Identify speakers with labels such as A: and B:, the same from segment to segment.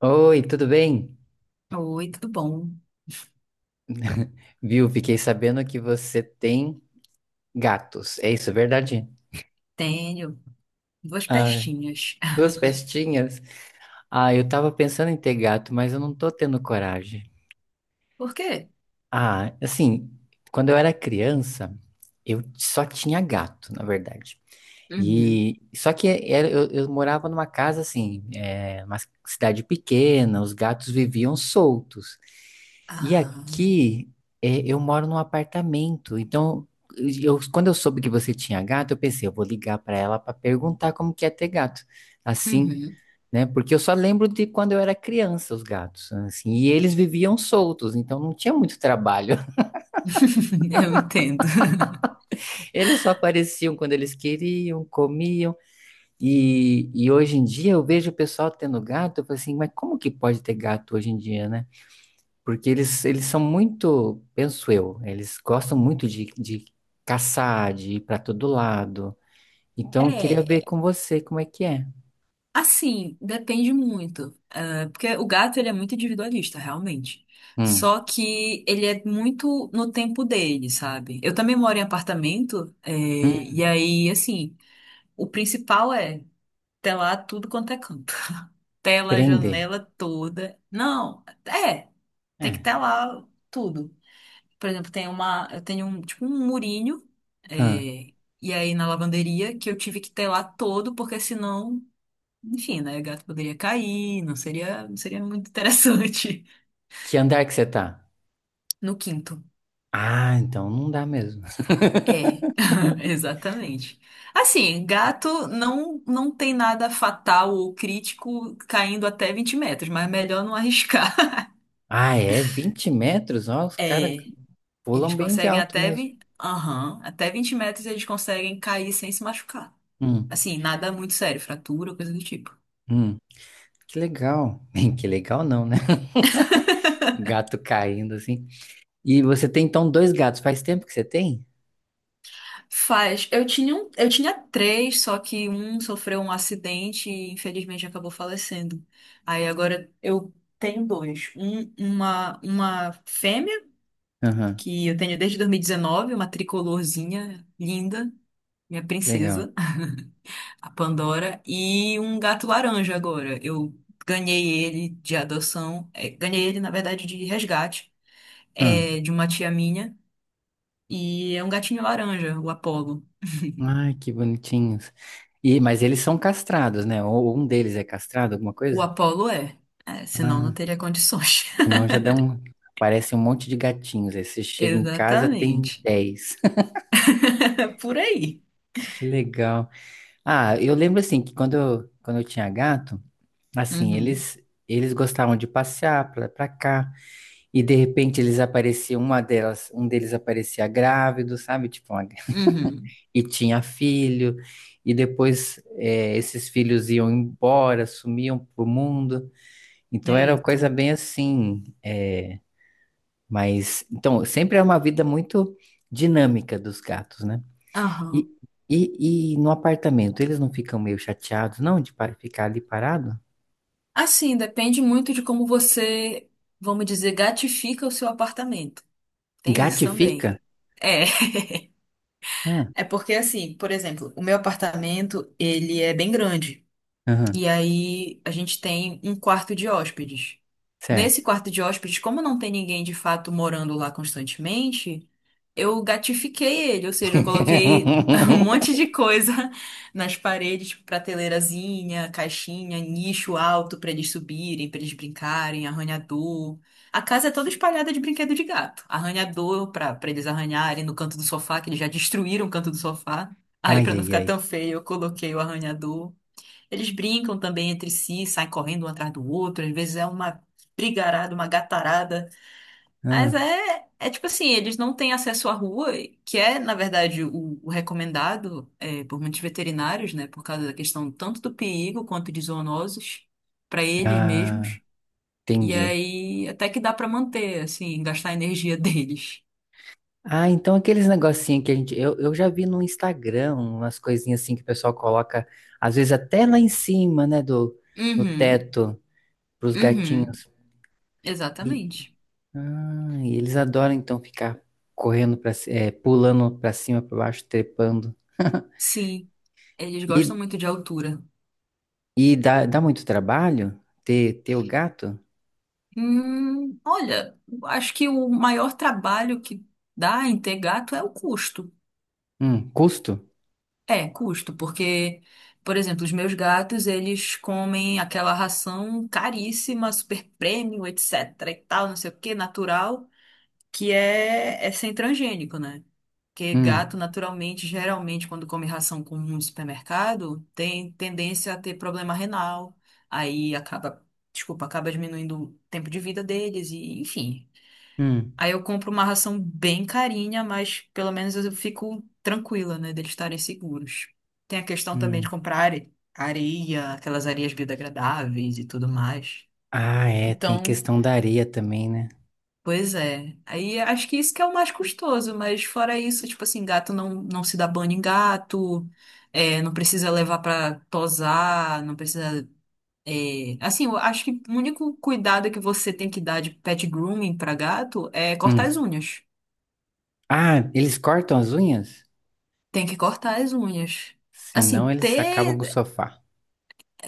A: Oi, tudo bem?
B: Oi, tudo bom?
A: Viu? Fiquei sabendo que você tem gatos. É isso, é verdade?
B: Tenho duas
A: Ah,
B: pestinhas.
A: duas pestinhas. Ah, eu tava pensando em ter gato, mas eu não tô tendo coragem.
B: Por quê?
A: Ah, assim, quando eu era criança, eu só tinha gato, na verdade.
B: Uhum.
A: E só que eu morava numa casa assim, é, uma cidade pequena, os gatos viviam soltos. E
B: Ah,
A: aqui é, eu moro num apartamento, então quando eu soube que você tinha gato, eu pensei, eu vou ligar para ela para perguntar como que é ter gato, assim,
B: uhum.
A: né? Porque eu só lembro de quando eu era criança os gatos, assim, e eles viviam soltos, então não tinha muito trabalho.
B: Eu entendo.
A: Eles só apareciam quando eles queriam, comiam. E hoje em dia eu vejo o pessoal tendo gato, eu falo assim, mas como que pode ter gato hoje em dia, né? Porque eles são muito, penso eu, eles gostam muito de caçar, de ir para todo lado. Então eu queria ver
B: É,
A: com você como é que é.
B: assim, depende muito. Ah, porque o gato, ele é muito individualista, realmente.
A: Hum,
B: Só que ele é muito no tempo dele, sabe? Eu também moro em apartamento, é, e
A: hum,
B: aí, assim, o principal é telar tudo quanto é canto. Tela, a
A: prender.
B: janela toda. Não, é. Tem que
A: É.
B: telar tudo. Por exemplo, eu tenho um, tipo um murinho, é,
A: Hum.
B: e aí na lavanderia que eu tive que telar todo, porque senão, enfim, né, o gato poderia cair, não seria muito interessante.
A: Que andar que você tá?
B: No quinto.
A: Ah, então não dá mesmo.
B: É, exatamente. Assim, gato não, não tem nada fatal ou crítico caindo até 20 metros, mas é melhor não arriscar.
A: Ah, é 20 metros? Ó, os caras
B: É. Eles
A: pulam bem de
B: conseguem
A: alto mesmo.
B: Aham, até 20 metros eles conseguem cair sem se machucar.
A: Hum,
B: Assim, nada muito sério, fratura, coisa do tipo.
A: hum. Que legal. Que legal não, né? Gato caindo assim. E você tem então dois gatos. Faz tempo que você tem?
B: Faz. Eu tinha três, só que um sofreu um acidente e infelizmente acabou falecendo. Aí agora eu tenho dois. Uma fêmea,
A: Aham,
B: que eu tenho desde 2019, uma tricolorzinha linda, minha
A: que legal.
B: princesa, a Pandora, e um gato laranja agora. Eu ganhei ele de adoção, é, ganhei ele, na verdade, de resgate,
A: Ah,
B: é, de uma tia minha, e é um gatinho laranja, o Apollo.
A: ai, que bonitinhos. E, mas eles são castrados, né? Ou um deles é castrado, alguma
B: O
A: coisa?
B: Apollo é, senão não
A: Ah,
B: teria condições.
A: senão já dá um. Parece um monte de gatinhos. Aí você chega em casa, tem
B: Exatamente.
A: 10.
B: Por aí.
A: Que legal. Ah, eu lembro assim que quando eu tinha gato, assim,
B: Uhum,
A: eles gostavam de passear pra cá e de repente eles apareciam, uma delas, um deles aparecia grávido, sabe? Tipo,
B: uhum.
A: e tinha filho, e depois esses filhos iam embora, sumiam pro mundo. Então era uma
B: Eita.
A: coisa bem assim, mas então sempre é uma vida muito dinâmica dos gatos, né? E,
B: Aham.
A: e no apartamento, eles não ficam meio chateados, não, de ficar ali parado?
B: Assim, depende muito de como você, vamos dizer, gatifica o seu apartamento. Tem isso
A: Gatifica?
B: também. É.
A: Ah,
B: É porque assim, por exemplo, o meu apartamento, ele é bem grande.
A: aham,
B: E aí a gente tem um quarto de hóspedes. Nesse
A: certo.
B: quarto de hóspedes, como não tem ninguém de fato morando lá constantemente, eu gatifiquei ele, ou seja, eu coloquei um monte de coisa nas paredes, tipo prateleirazinha, caixinha, nicho alto para eles subirem, para eles brincarem, arranhador. A casa é toda espalhada de brinquedo de gato. Arranhador para eles arranharem no canto do sofá, que eles já destruíram o canto do sofá. Aí,
A: Ai,
B: para não
A: ai,
B: ficar tão
A: ai.
B: feio, eu coloquei o arranhador. Eles brincam também entre si, saem correndo um atrás do outro, às vezes é uma brigarada, uma gatarada. Mas
A: Ah,
B: é tipo assim, eles não têm acesso à rua, que é, na verdade, o recomendado é, por muitos veterinários, né? Por causa da questão tanto do perigo quanto de zoonoses para eles
A: ah,
B: mesmos. E
A: entendi.
B: aí até que dá para manter, assim, gastar a energia deles.
A: Ah, então aqueles negocinhos que a gente. Eu já vi no Instagram umas coisinhas assim que o pessoal coloca, às vezes até lá em cima, né, do, no
B: Uhum,
A: teto, pros
B: uhum,
A: gatinhos. E,
B: exatamente.
A: ah, e eles adoram então ficar correndo para pulando pra cima, pra baixo, trepando.
B: Sim, eles gostam
A: E,
B: muito de altura.
A: e dá muito trabalho ter o gato?
B: Olha, acho que o maior trabalho que dá em ter gato é o custo.
A: Custo?
B: É, custo, porque, por exemplo, os meus gatos, eles comem aquela ração caríssima, super premium, etc e tal, não sei o que, natural, que é sem transgênico, né? Porque gato,
A: Hum,
B: naturalmente, geralmente, quando come ração comum no supermercado, tem tendência a ter problema renal, aí acaba, desculpa, acaba diminuindo o tempo de vida deles e, enfim...
A: hum,
B: Aí eu compro uma ração bem carinha, mas pelo menos eu fico tranquila, né, deles estarem seguros. Tem a questão também
A: hum.
B: de comprar areia, aquelas areias biodegradáveis e tudo mais.
A: Ah, é, tem a
B: Então,
A: questão da areia também, né?
B: pois é. Aí acho que isso que é o mais custoso, mas fora isso, tipo assim, gato não, não se dá banho em gato, é, não precisa levar pra tosar, não precisa. É, assim, eu acho que o único cuidado que você tem que dar de pet grooming pra gato é cortar as
A: Hum.
B: unhas.
A: Ah, eles cortam as unhas?
B: Tem que cortar as unhas. Assim,
A: Senão eles acabam com o
B: ter.
A: sofá.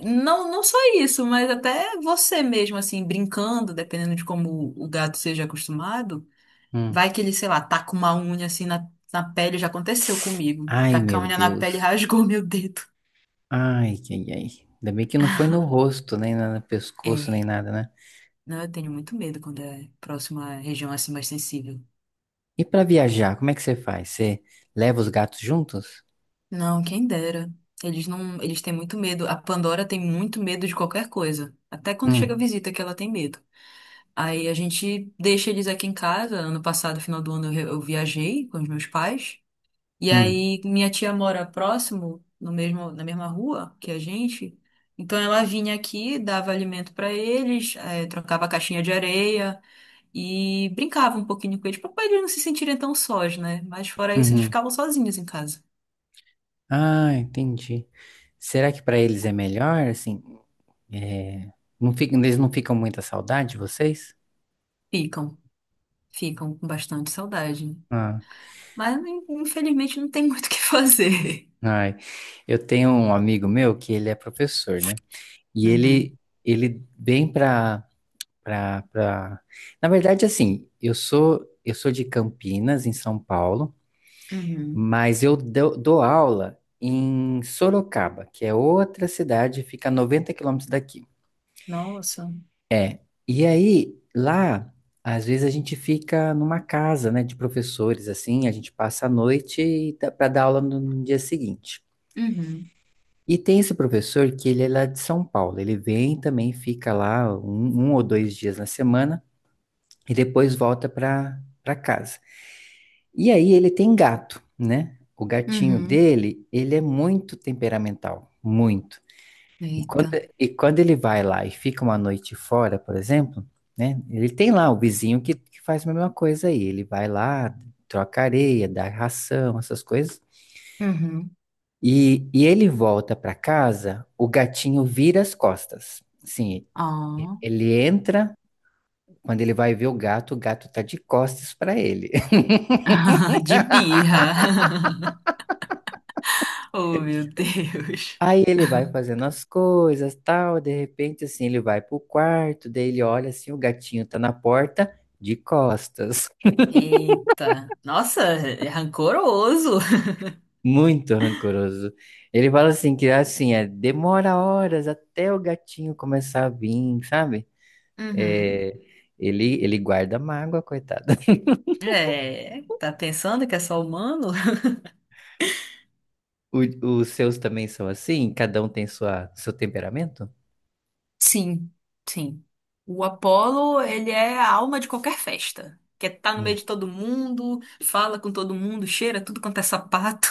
B: Não, não só isso, mas até você mesmo, assim, brincando, dependendo de como o gato seja acostumado,
A: Hum.
B: vai que ele, sei lá, taca uma unha assim na pele, já aconteceu comigo.
A: Ai,
B: Tacar a
A: meu
B: unha na pele
A: Deus.
B: e rasgou meu dedo.
A: Ai, ai, ai. Ainda bem que não foi no rosto, nem na- no pescoço, nem
B: É.
A: nada, né?
B: Não, eu tenho muito medo quando é próxima região assim mais sensível.
A: E pra viajar, como é que você faz? Você leva os gatos juntos?
B: Não, quem dera. Eles não, eles têm muito medo. A Pandora tem muito medo de qualquer coisa. Até quando chega a
A: Hum,
B: visita que ela tem medo. Aí a gente deixa eles aqui em casa. Ano passado, final do ano, eu viajei com os meus pais. E
A: hum,
B: aí minha tia mora próximo, no mesmo, na mesma rua que a gente. Então ela vinha aqui, dava alimento para eles, trocava a caixinha de areia e brincava um pouquinho com eles, para eles não se sentirem tão sós, né? Mas fora isso, eles
A: uhum.
B: ficavam sozinhos em casa.
A: Ah, entendi. Será que pra eles é melhor, assim? É... Não fica... Eles não ficam muita saudade de vocês?
B: Ficam, ficam com bastante saudade.
A: Ah,
B: Mas infelizmente não tem muito o que fazer.
A: ai. Eu tenho um amigo meu que ele é professor, né? E
B: Uhum,
A: ele vem pra... Na verdade, assim, eu sou de Campinas, em São Paulo,
B: uhum.
A: mas eu dou, dou aula em Sorocaba, que é outra cidade, fica a 90 quilômetros daqui.
B: Nossa.
A: É, e aí, lá, às vezes a gente fica numa casa, né, de professores, assim, a gente passa a noite para dar aula no dia seguinte.
B: Uhum.
A: E tem esse professor que ele é lá de São Paulo. Ele vem também, fica lá um ou dois dias na semana e depois volta para casa. E aí ele tem gato, né? O gatinho
B: Uhum.
A: dele, ele é muito temperamental, muito. E quando,
B: Eita.
A: e quando ele vai lá e fica uma noite fora, por exemplo, né? Ele tem lá o vizinho que faz a mesma coisa aí. Ele vai lá, troca areia, dá ração, essas coisas.
B: Uhum.
A: E ele volta para casa, o gatinho vira as costas. Sim,
B: Ó.
A: ele entra, quando ele vai ver o gato tá de costas para ele.
B: De birra. Oh, meu Deus.
A: Aí ele vai fazendo as coisas, tal, de repente assim, ele vai pro quarto, daí ele olha assim, o gatinho tá na porta de costas.
B: Eita. Nossa, é rancoroso.
A: Muito rancoroso. Ele fala assim que assim, é, demora horas até o gatinho começar a vir, sabe?
B: Uhum.
A: É, ele guarda mágoa, coitado.
B: É, tá pensando que é só humano?
A: O- os seus também são assim? Cada um tem sua, seu temperamento?
B: Sim, sim. O Apolo, ele é a alma de qualquer festa. Quer estar no
A: Hum.
B: meio de todo mundo, fala com todo mundo, cheira tudo quanto é sapato.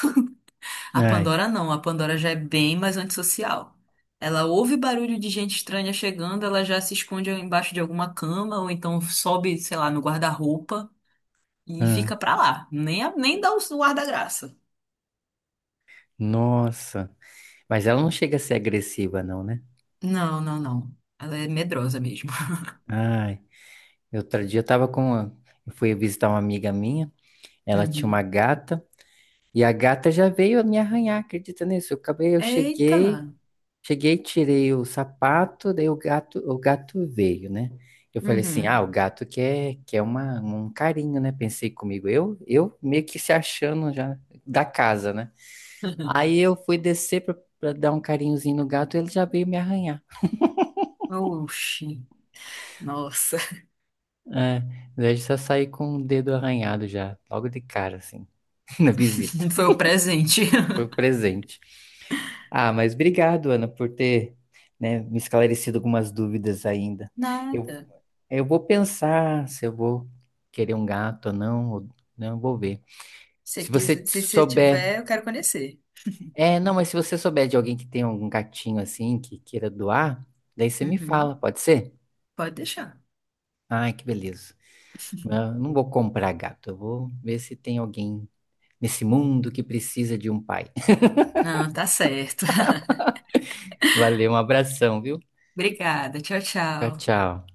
B: A
A: Ai,
B: Pandora não, a Pandora já é bem mais antissocial. Ela ouve barulho de gente estranha chegando, ela já se esconde embaixo de alguma cama, ou então sobe, sei lá, no guarda-roupa e
A: ah,
B: fica pra lá. Nem dá o guarda-graça.
A: nossa. Mas ela não chega a ser agressiva, não, né?
B: Não, não, não. Ela é medrosa mesmo.
A: Ai. Outro dia eu tava com uma... Eu fui visitar uma amiga minha. Ela tinha uma
B: Uhum.
A: gata. E a gata já veio me arranhar, acredita nisso? Eu acabei, eu cheguei.
B: Eita!
A: Cheguei, tirei o sapato, daí o gato veio, né? Eu falei assim, ah,
B: Uhum.
A: o gato quer, quer uma, um carinho, né? Pensei comigo, eu meio que se achando já da casa, né? Aí eu fui descer pra dar um carinhozinho no gato, ele já veio me arranhar.
B: Oxi. Nossa,
A: É, daí eu já saí com o dedo arranhado já, logo de cara, assim, na visita.
B: foi o presente.
A: Foi o presente. Ah, mas obrigado, Ana, por ter, né, me esclarecido algumas dúvidas ainda. Eu
B: Nada.
A: Eu vou pensar se eu vou querer um gato ou não, vou ver.
B: Se você
A: Se você
B: quiser- se você
A: souber.
B: tiver, eu quero conhecer.
A: É, não, mas se você souber de alguém que tem algum gatinho assim, que queira doar, daí você me fala,
B: Uhum.
A: pode ser?
B: Pode deixar.
A: Ai, que beleza. Eu não vou comprar gato, eu vou ver se tem alguém nesse mundo que precisa de um pai.
B: Não, tá certo.
A: Valeu, um abração, viu?
B: Obrigada. Tchau,
A: Tchau,
B: tchau.
A: tchau.